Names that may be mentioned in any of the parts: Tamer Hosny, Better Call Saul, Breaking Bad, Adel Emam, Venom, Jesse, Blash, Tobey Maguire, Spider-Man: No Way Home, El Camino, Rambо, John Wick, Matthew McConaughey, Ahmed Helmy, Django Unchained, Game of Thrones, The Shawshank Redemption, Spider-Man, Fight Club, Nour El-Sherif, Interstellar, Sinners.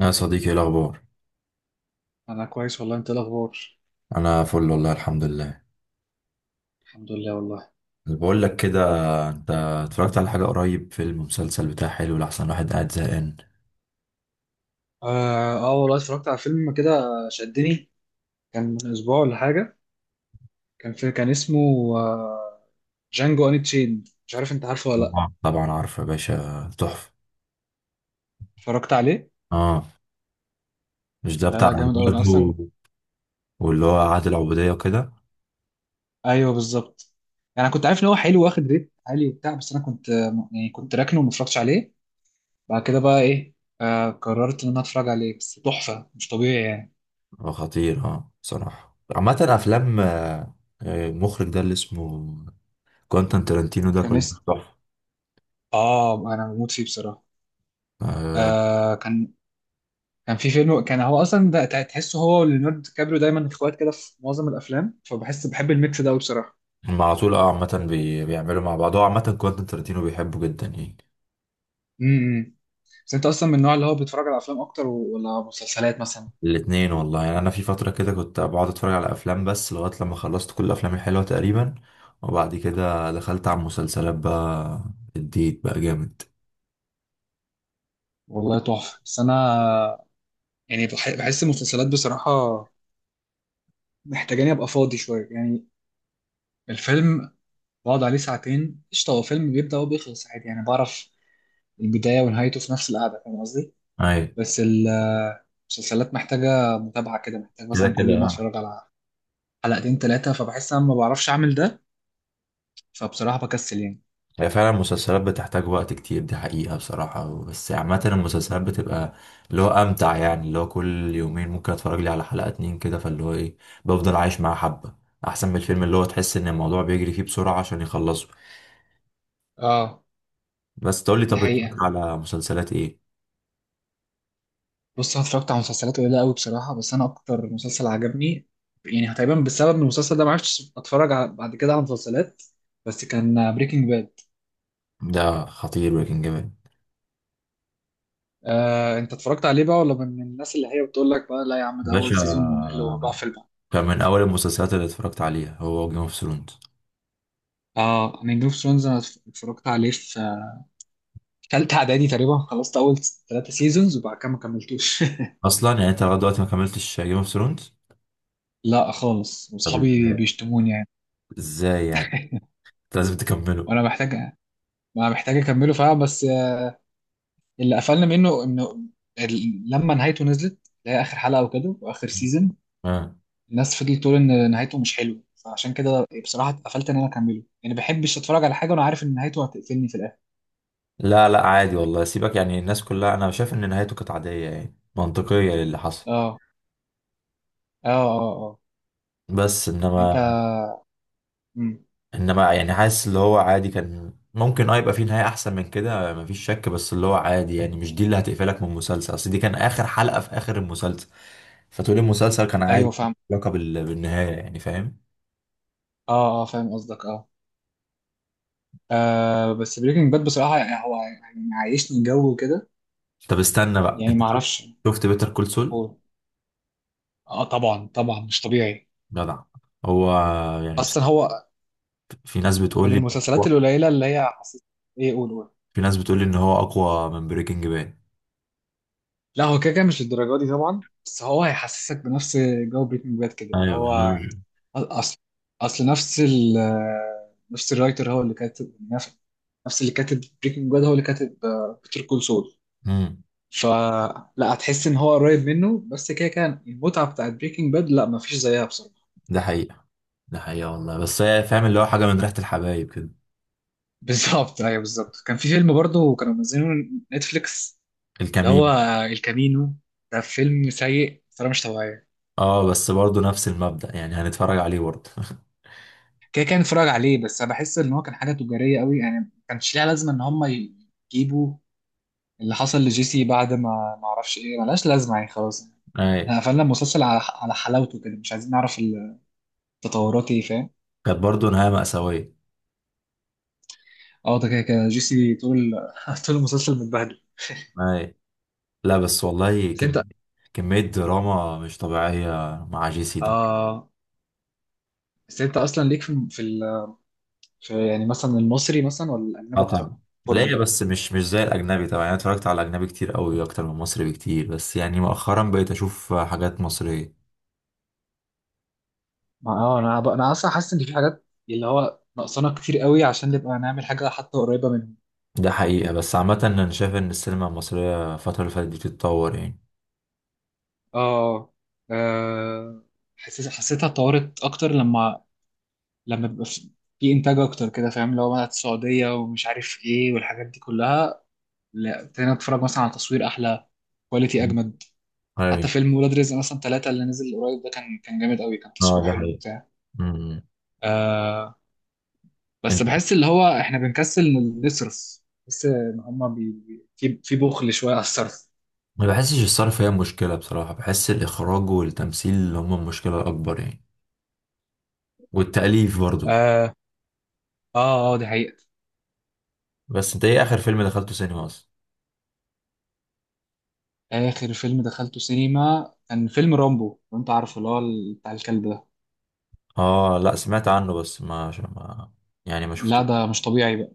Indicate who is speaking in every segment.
Speaker 1: يا صديقي، ايه الاخبار؟
Speaker 2: انا كويس والله، انت إيه الاخبار؟
Speaker 1: انا فل والله، الحمد لله.
Speaker 2: الحمد لله والله.
Speaker 1: اللي بقول لك كده، انت اتفرجت على حاجه قريب؟ فيلم، مسلسل، بتاع حلو لاحسن واحد قاعد زهقان.
Speaker 2: اه، آه والله اتفرجت على فيلم كده. شدني. كان من اسبوع ولا حاجه. كان اسمه. آه جانجو اني تشين، مش عارف انت عارفه ولا لا.
Speaker 1: طبعا طبعا عارف يا باشا، تحفه.
Speaker 2: اتفرجت عليه.
Speaker 1: اه، مش ده
Speaker 2: لا،
Speaker 1: بتاع؟
Speaker 2: لا، جامد قوي انا اصلا.
Speaker 1: برضه. واللي هو عادل العبوديه وكده.
Speaker 2: ايوه، بالظبط. يعني انا كنت عارف ان هو حلو واخد ريت عالي وبتاع، بس انا كنت يعني كنت راكنه وما اتفرجتش عليه. بعد كده بقى ايه. قررت ان انا اتفرج عليه، بس تحفه مش طبيعي يعني.
Speaker 1: خطير. اه بصراحه عامه افلام. المخرج ده اللي اسمه كوانتان ترنتينو، ده
Speaker 2: كان
Speaker 1: كله
Speaker 2: اسم
Speaker 1: تحفه.
Speaker 2: اه انا بموت فيه بصراحه.
Speaker 1: آه،
Speaker 2: آه كان كان في فيلم، كان هو اصلا ده تحسه هو وليوناردو دي كابريو دايما اخوات كده في معظم الافلام، فبحس بحب الميكس ده أوي بصراحه.
Speaker 1: هم على طول. اه عامة، بيعملوا مع بعض. هو عامة كوانتين ترنتينو بيحبه جدا يعني.
Speaker 2: امم بس انت اصلا من النوع اللي هو بيتفرج على افلام اكتر ولا مسلسلات مثلا؟
Speaker 1: الاتنين والله. يعني انا في فترة كده كنت بقعد اتفرج على افلام، بس لغاية لما خلصت كل الافلام الحلوة تقريبا. وبعد كده دخلت على المسلسلات بقى، اديت بقى جامد.
Speaker 2: والله تحفه، بس انا يعني بحس المسلسلات بصراحه محتاجاني ابقى فاضي شويه يعني. الفيلم بقعد عليه ساعتين قشطه، هو فيلم بيبدا وبيخلص عادي، يعني بعرف البدايه ونهايته في نفس القعده، فاهم قصدي؟
Speaker 1: اي.
Speaker 2: بس المسلسلات محتاجه متابعه كده، محتاج
Speaker 1: كده
Speaker 2: مثلا كل
Speaker 1: كده،
Speaker 2: يوم
Speaker 1: آه.
Speaker 2: اتفرج على حلقتين تلاتة، فبحس انا ما بعرفش اعمل ده، فبصراحة بكسل يعني.
Speaker 1: هي فعلا المسلسلات بتحتاج وقت كتير، دي حقيقة بصراحة. بس عامة المسلسلات بتبقى اللي هو امتع، يعني اللي هو كل يومين ممكن اتفرج لي على حلقة، اتنين كده، فاللي هو ايه، بفضل عايش معاه حبة. احسن من الفيلم، اللي هو تحس ان الموضوع بيجري فيه بسرعة عشان يخلصه.
Speaker 2: اه،
Speaker 1: بس تقول لي،
Speaker 2: دي
Speaker 1: طب بتتفرج
Speaker 2: حقيقة.
Speaker 1: على مسلسلات ايه؟
Speaker 2: بص، انا اتفرجت على مسلسلات قليلة قوي بصراحة، بس انا اكتر مسلسل عجبني يعني تقريبا بسبب ان المسلسل ده ما عرفتش اتفرج على بعد كده على مسلسلات، بس كان بريكنج باد.
Speaker 1: ده خطير بريكنج باد.
Speaker 2: انت اتفرجت عليه بقى ولا من الناس اللي هي بتقول لك بقى لا يا عم ده اول
Speaker 1: باشا،
Speaker 2: سيزون ممل وبقفل بقى؟
Speaker 1: كان من اول المسلسلات اللي اتفرجت عليها هو جيم اوف ثرونز.
Speaker 2: اه، انا جيم اوف ثرونز انا اتفرجت عليه في تالتة اعدادي تقريبا، خلصت اول ثلاثة سيزونز وبعد كده ما كملتوش.
Speaker 1: اصلا يعني انت لغايه دلوقتي ما كملتش جيم اوف ثرونز؟
Speaker 2: لا خالص،
Speaker 1: طب
Speaker 2: واصحابي
Speaker 1: ازاي؟
Speaker 2: بيشتموني يعني.
Speaker 1: ازاي يعني؟ انت لازم تكمله.
Speaker 2: وانا محتاج، ما محتاج اكمله فعلا، بس اللي قفلنا منه انه لما نهايته نزلت، اللي هي اخر حلقه وكده واخر سيزون.
Speaker 1: آه.
Speaker 2: الناس فضلت تقول ان نهايته مش حلوه، فعشان كده بصراحه اتقفلت ان انا اكمله، يعني ما بحبش اتفرج على حاجه وانا عارف ان نهايته هتقفلني في الاخر.
Speaker 1: لا لا، عادي والله، سيبك. يعني الناس كلها، انا شايف ان نهايته كانت عاديه يعني منطقيه للي حصل.
Speaker 2: اه، اه، اه. اه
Speaker 1: بس
Speaker 2: يعني انت.
Speaker 1: انما،
Speaker 2: مم.
Speaker 1: يعني حاسس اللي هو عادي. كان ممكن يبقى فيه نهاية احسن من كده، مفيش شك. بس اللي هو عادي، يعني مش دي اللي هتقفلك من المسلسل، اصل دي كان اخر حلقة في اخر المسلسل، فتقول المسلسل كان
Speaker 2: ايوه
Speaker 1: عادي،
Speaker 2: فاهم.
Speaker 1: علاقة بالنهاية، يعني فاهم؟
Speaker 2: اه، اه، فاهم قصدك اه. بس بريكنج باد بصراحه يعني هو يعني عايشني جو كده
Speaker 1: طب استنى بقى،
Speaker 2: يعني
Speaker 1: انت
Speaker 2: ما
Speaker 1: شفت؟
Speaker 2: اعرفش
Speaker 1: شفت بيتر كول سول؟
Speaker 2: هو. اه، طبعا طبعا، مش طبيعي.
Speaker 1: جدع. هو يعني بس،
Speaker 2: اصلا هو
Speaker 1: في ناس بتقول
Speaker 2: من
Speaker 1: لي
Speaker 2: المسلسلات القليله اللي هي حسيت. ايه، قول قول.
Speaker 1: في ناس بتقول لي ان هو اقوى من بريكنج باد.
Speaker 2: لا، هو كده كده مش الدرجه دي طبعا، بس هو هيحسسك بنفس جو بريكنج باد كده اللي
Speaker 1: ايوه.
Speaker 2: هو، اصل اصل نفس الرايتر هو اللي كاتب نفس اللي كاتب بريكنج باد هو اللي كاتب بيتر كول سول.
Speaker 1: امم.
Speaker 2: فلا هتحس ان هو قريب منه، بس كده كان المتعه بتاعت بريكنج باد لا مفيش زيها بصراحه.
Speaker 1: ده حقيقة، ده حقيقة والله. بس هي فاهم اللي هو حاجة من ريحة الحبايب كده.
Speaker 2: بالظبط، ايوه بالظبط كان في فيلم برضه كانوا منزلينه نتفليكس، اللي هو
Speaker 1: الكمين.
Speaker 2: الكامينو. ده فيلم سيء بطريقه مش طبيعيه.
Speaker 1: اه بس برضه نفس المبدأ، يعني هنتفرج عليه برضه.
Speaker 2: كده، كان اتفرج عليه، بس انا بحس ان هو كان حاجه تجاريه قوي، يعني ما كانش ليها لازمه ان هم يجيبوا اللي حصل لجيسي بعد ما ما اعرفش ايه، ملهاش لازمه يعني خلاص.
Speaker 1: اي.
Speaker 2: احنا قفلنا المسلسل على حلاوته كده، مش عايزين نعرف التطورات ايه، فاهم.
Speaker 1: كانت برضه نهاية مأساوية.
Speaker 2: اه ده كده كده جيسي طول، طول المسلسل متبهدل.
Speaker 1: اي. لا بس والله،
Speaker 2: بس انت
Speaker 1: كمية دراما مش طبيعية مع جي سي ده.
Speaker 2: اه بس انت اصلا ليك في في يعني مثلا المصري مثلا ولا
Speaker 1: اه
Speaker 2: الاجنبي اكتر؟
Speaker 1: طبعا. ليا
Speaker 2: فرجه.
Speaker 1: بس مش زي الأجنبي طبعا. أنا اتفرجت على الأجنبي كتير قوي، أكتر من مصري بكتير، بس يعني مؤخرا بقيت أشوف حاجات مصرية.
Speaker 2: ما انا اصلا حاسس ان في حاجات اللي هو ناقصانا كتير قوي عشان نبقى نعمل حاجه حتى قريبه منهم.
Speaker 1: ده حقيقة، بس عامة أنا شايف إن السينما المصرية الفترة اللي فاتت دي بتتطور يعني.
Speaker 2: اه، آه، حسيتها اتطورت اكتر لما بيبقى في انتاج اكتر كده، فاهم لو بقى السعوديه ومش عارف ايه والحاجات دي كلها. لا، ابتدينا نتفرج مثلا على تصوير احلى، كواليتي اجمد. حتى
Speaker 1: أي.
Speaker 2: فيلم ولاد رزق مثلا ثلاثة اللي نزل قريب ده، كان جامد قوي، كان
Speaker 1: اه
Speaker 2: تصويره
Speaker 1: ده
Speaker 2: حلو
Speaker 1: حقيقة.
Speaker 2: وبتاع.
Speaker 1: أمم.
Speaker 2: آه بس بحس اللي هو احنا بنكسل نصرف، بس ان هما في بخل شويه على الصرف.
Speaker 1: ما بحسش الصرف هي مشكلة بصراحة، بحس الإخراج والتمثيل اللي هما المشكلة الأكبر يعني، والتأليف برضو.
Speaker 2: اه، اه، اه، دي حقيقة.
Speaker 1: بس أنت إيه آخر فيلم دخلته سينما أصلا؟
Speaker 2: آخر فيلم دخلته سينما كان فيلم رامبو، لو أنت عارفه اللي هو بتاع الكلب ده.
Speaker 1: آه لأ، سمعت عنه، بس ما يعني ما
Speaker 2: لا،
Speaker 1: شفته.
Speaker 2: ده مش طبيعي بقى،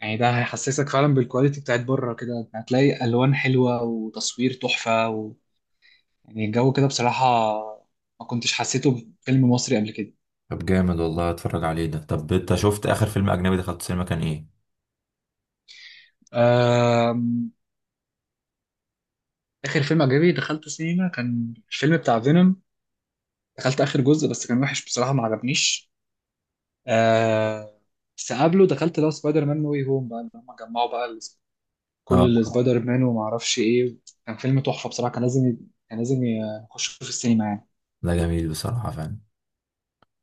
Speaker 2: يعني ده هيحسسك فعلا بالكواليتي بتاعت بره كده، هتلاقي ألوان حلوة وتصوير تحفة يعني الجو كده بصراحة، ما كنتش حسيته في فيلم مصري قبل كده.
Speaker 1: طب جامد والله، أتفرج عليه ده. طب أنت شفت آخر فيلم أجنبي دخلته سينما كان إيه؟
Speaker 2: آم، آخر فيلم أجنبي دخلته سينما كان الفيلم بتاع فينوم، دخلت آخر جزء بس كان وحش بصراحة، ما عجبنيش. آه، بس قبله دخلت لو سبايدر مان نو واي هوم بقى لما جمعوا بقى
Speaker 1: آه
Speaker 2: كل السبايدر مان وما اعرفش ايه. كان فيلم تحفه بصراحه، كان لازم كان لازم يخش في السينما يعني.
Speaker 1: ده جميل بصراحة فعلا.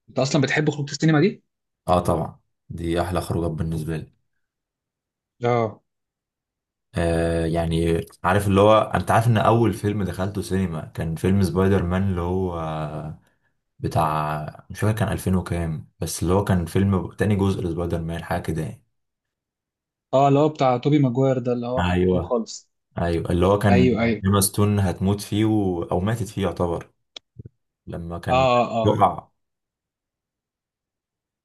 Speaker 2: انت اصلا بتحب خروج السينما دي؟
Speaker 1: آه طبعا، دي أحلى خروجات بالنسبة لي.
Speaker 2: اه،
Speaker 1: يعني عارف اللي هو، أنت عارف إن أول فيلم دخلته سينما كان فيلم سبايدر مان، اللي هو بتاع، مش فاكر، كان 2000 وكام، بس اللي هو كان فيلم تاني جزء لسبايدر مان حاجة كده يعني.
Speaker 2: اه، اللي هو بتاع توبي ماجواير ده اللي هو كان قديم
Speaker 1: ايوه.
Speaker 2: خالص.
Speaker 1: ايوه اللي هو كان،
Speaker 2: ايوه، ايوه.
Speaker 1: ايما ستون هتموت فيه، او ماتت فيه يعتبر، لما كان
Speaker 2: اه، اه،
Speaker 1: وقع.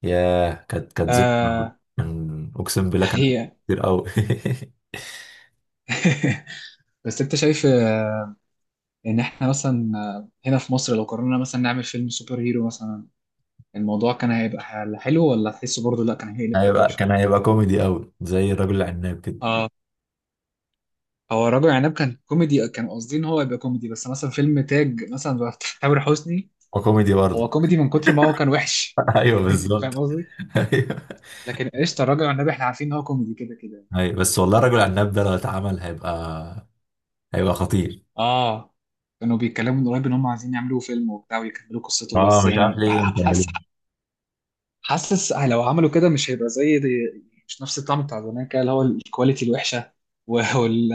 Speaker 1: ياه، كانت
Speaker 2: اه،
Speaker 1: ذكرى.
Speaker 2: آه.
Speaker 1: اقسم
Speaker 2: دي
Speaker 1: بالله كان
Speaker 2: حقيقه.
Speaker 1: كتير قوي.
Speaker 2: بس انت شايف ان احنا مثلا هنا في مصر لو قررنا مثلا نعمل فيلم سوبر هيرو مثلا، الموضوع كان هيبقى حلو ولا تحسه برضه لا كان هيقلب حاجه وحشه؟
Speaker 1: كان هيبقى كوميدي قوي زي الرجل العناب كده.
Speaker 2: اه، هو الراجل عناب كان كوميدي، كان قصدي ان هو يبقى كوميدي، بس مثلا فيلم تاج مثلا بتاع تامر حسني،
Speaker 1: وكوميدي برضه.
Speaker 2: هو كوميدي من كتر ما هو كان وحش.
Speaker 1: ايوه بالظبط.
Speaker 2: فاهم قصدي.
Speaker 1: ايوه.
Speaker 2: لكن قشطه، الراجل والنبي احنا عارفين ان هو كوميدي كده كده.
Speaker 1: ايوه بس والله الرجل العناب ده لو اتعمل، هيبقى خطير.
Speaker 2: اه، كانوا بيتكلموا من قريب ان هم عايزين يعملوا فيلم وبتاع ويكملوا قصته،
Speaker 1: اه
Speaker 2: بس
Speaker 1: مش
Speaker 2: يعني
Speaker 1: عارف ليه.
Speaker 2: حاسس لو عملوا كده مش هيبقى زي دي، مش نفس الطعم بتاع زمان كده، اللي هو الكواليتي الوحشه و- وال...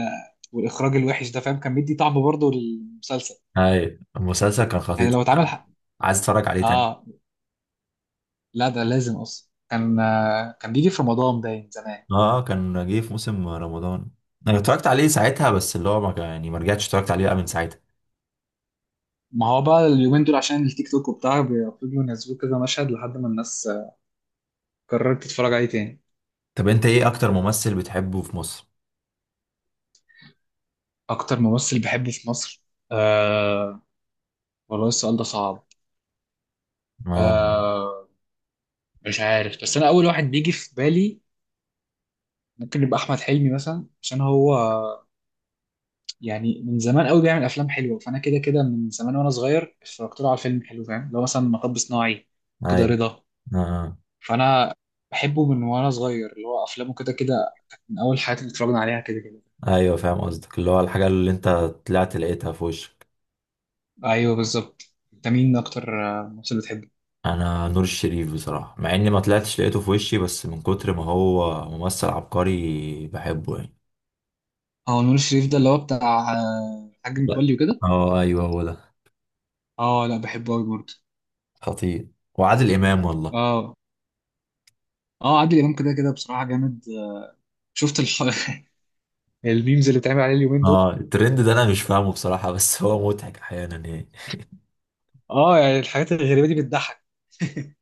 Speaker 2: والاخراج الوحش ده، فاهم، كان بيدي طعم برضه للمسلسل.
Speaker 1: اي المسلسل كان خطير.
Speaker 2: يعني لو اتعمل حق.
Speaker 1: عايز اتفرج عليه تاني.
Speaker 2: اه، لا ده لازم اصلا، كان بيجي في رمضان باين زمان.
Speaker 1: اه كان جه في موسم رمضان. انا اتفرجت عليه ساعتها، بس اللي هو ما كان- يعني ما رجعتش اتفرجت عليه بقى من ساعتها.
Speaker 2: ما هو بقى اليومين دول عشان التيك توك وبتاع بيفضلوا ينزلوا كذا مشهد لحد ما الناس قررت تتفرج عليه تاني.
Speaker 1: طب انت ايه اكتر ممثل بتحبه في مصر؟
Speaker 2: اكتر ممثل بحبه في مصر؟ آه، والله السؤال ده صعب.
Speaker 1: اه.
Speaker 2: آه مش عارف، بس انا اول واحد بيجي في بالي ممكن يبقى احمد حلمي مثلا، عشان هو يعني من زمان قوي بيعمل افلام حلوه، فانا كده كده من زمان وانا صغير اتفرجت له على فيلم حلو، فاهم، اللي هو مثلا مطب صناعي
Speaker 1: اي.
Speaker 2: كده، رضا.
Speaker 1: آه.
Speaker 2: فانا بحبه من وانا صغير، اللي هو افلامه كده كده من اول الحاجات اللي اتفرجنا عليها كده كده.
Speaker 1: ايوه فاهم قصدك، اللي هو الحاجه اللي انت طلعت لقيتها في وشك.
Speaker 2: ايوه، بالظبط. انت مين اكتر ممثل بتحبه؟
Speaker 1: انا نور الشريف بصراحه، مع اني ما طلعتش لقيته في وشي، بس من كتر ما هو ممثل عبقري بحبه يعني.
Speaker 2: اه، نور الشريف ده اللي هو بتاع الحاج
Speaker 1: لا.
Speaker 2: متولي وكده.
Speaker 1: اه ايوه هو ده،
Speaker 2: اه لا، بحبه قوي برضه.
Speaker 1: خطير. وعادل امام والله.
Speaker 2: اه، اه، عادل امام كده كده بصراحه جامد. شفت الميمز اللي بتعمل عليه اليومين دول.
Speaker 1: اه الترند ده انا مش فاهمه بصراحة، بس هو مضحك احيانا يعني.
Speaker 2: اه، يعني الحاجات الغريبه دي بتضحك.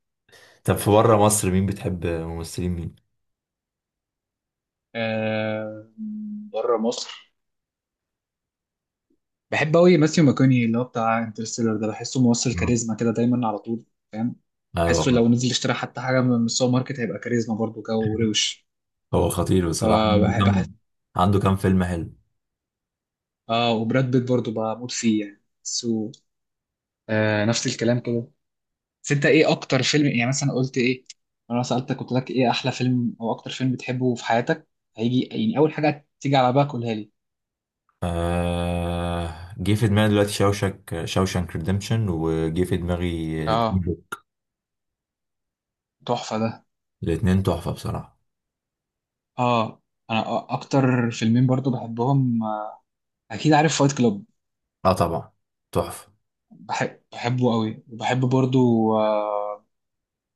Speaker 1: طب في بره مصر، مين بتحب ممثلين مين؟
Speaker 2: آه بره مصر بحب قوي ماثيو ماكوني، اللي هو بتاع انترستيلر ده، بحسه ممثل
Speaker 1: مم.
Speaker 2: كاريزما كده دايما على طول، فاهم،
Speaker 1: ايوه.
Speaker 2: بحسه لو نزل اشترى حتى حاجه من السوبر ماركت هيبقى كاريزما برضه كده وروش،
Speaker 1: هو خطير بصراحة،
Speaker 2: فبحب.
Speaker 1: عنده كام فيلم حلو.
Speaker 2: اه، وبراد بيت برضه بموت فيه يعني سو، نفس الكلام كده. بس انت ايه اكتر فيلم، يعني مثلا قلت ايه، انا سألتك قلت لك ايه احلى فيلم او اكتر فيلم بتحبه في حياتك، هيجي يعني اول حاجة تيجي على بالك قولها لي.
Speaker 1: جه في دماغي دلوقتي شوشانك ريديمشن، وجه في دماغي جون
Speaker 2: اه،
Speaker 1: ويك.
Speaker 2: تحفة ده.
Speaker 1: الاتنين تحفة بصراحة.
Speaker 2: اه، انا اكتر فيلمين برضه بحبهم، اكيد عارف فايت كلوب.
Speaker 1: اه طبعا، تحفة.
Speaker 2: بحبه قوي، وبحب برضه، آه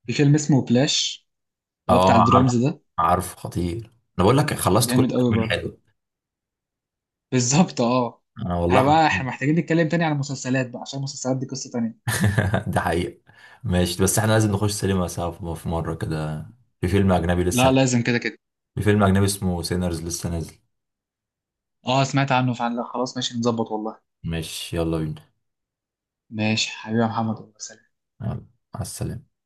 Speaker 2: في فيلم اسمه بلاش، اللي هو بتاع
Speaker 1: اه عارف،
Speaker 2: الدرامز ده،
Speaker 1: خطير. انا بقول لك خلصت كل
Speaker 2: جامد قوي
Speaker 1: الافلام
Speaker 2: برضه.
Speaker 1: الحلوة.
Speaker 2: بالظبط اه،
Speaker 1: انا
Speaker 2: احنا
Speaker 1: والله.
Speaker 2: بقى احنا محتاجين نتكلم تاني عن المسلسلات بقى عشان المسلسلات دي قصة تانية.
Speaker 1: ده حقيقة. ماشي، بس احنا لازم نخش سينما سوا، في مرة كده. في فيلم أجنبي لسه
Speaker 2: لا لازم كده كده.
Speaker 1: في فيلم أجنبي اسمه سينرز لسه نازل.
Speaker 2: اه، سمعت عنه فعلا، لا خلاص ماشي نظبط والله.
Speaker 1: ماشي يلا بينا.
Speaker 2: ماشي حبيبي يا محمد، والله سلام.
Speaker 1: يلا. مع السلامة.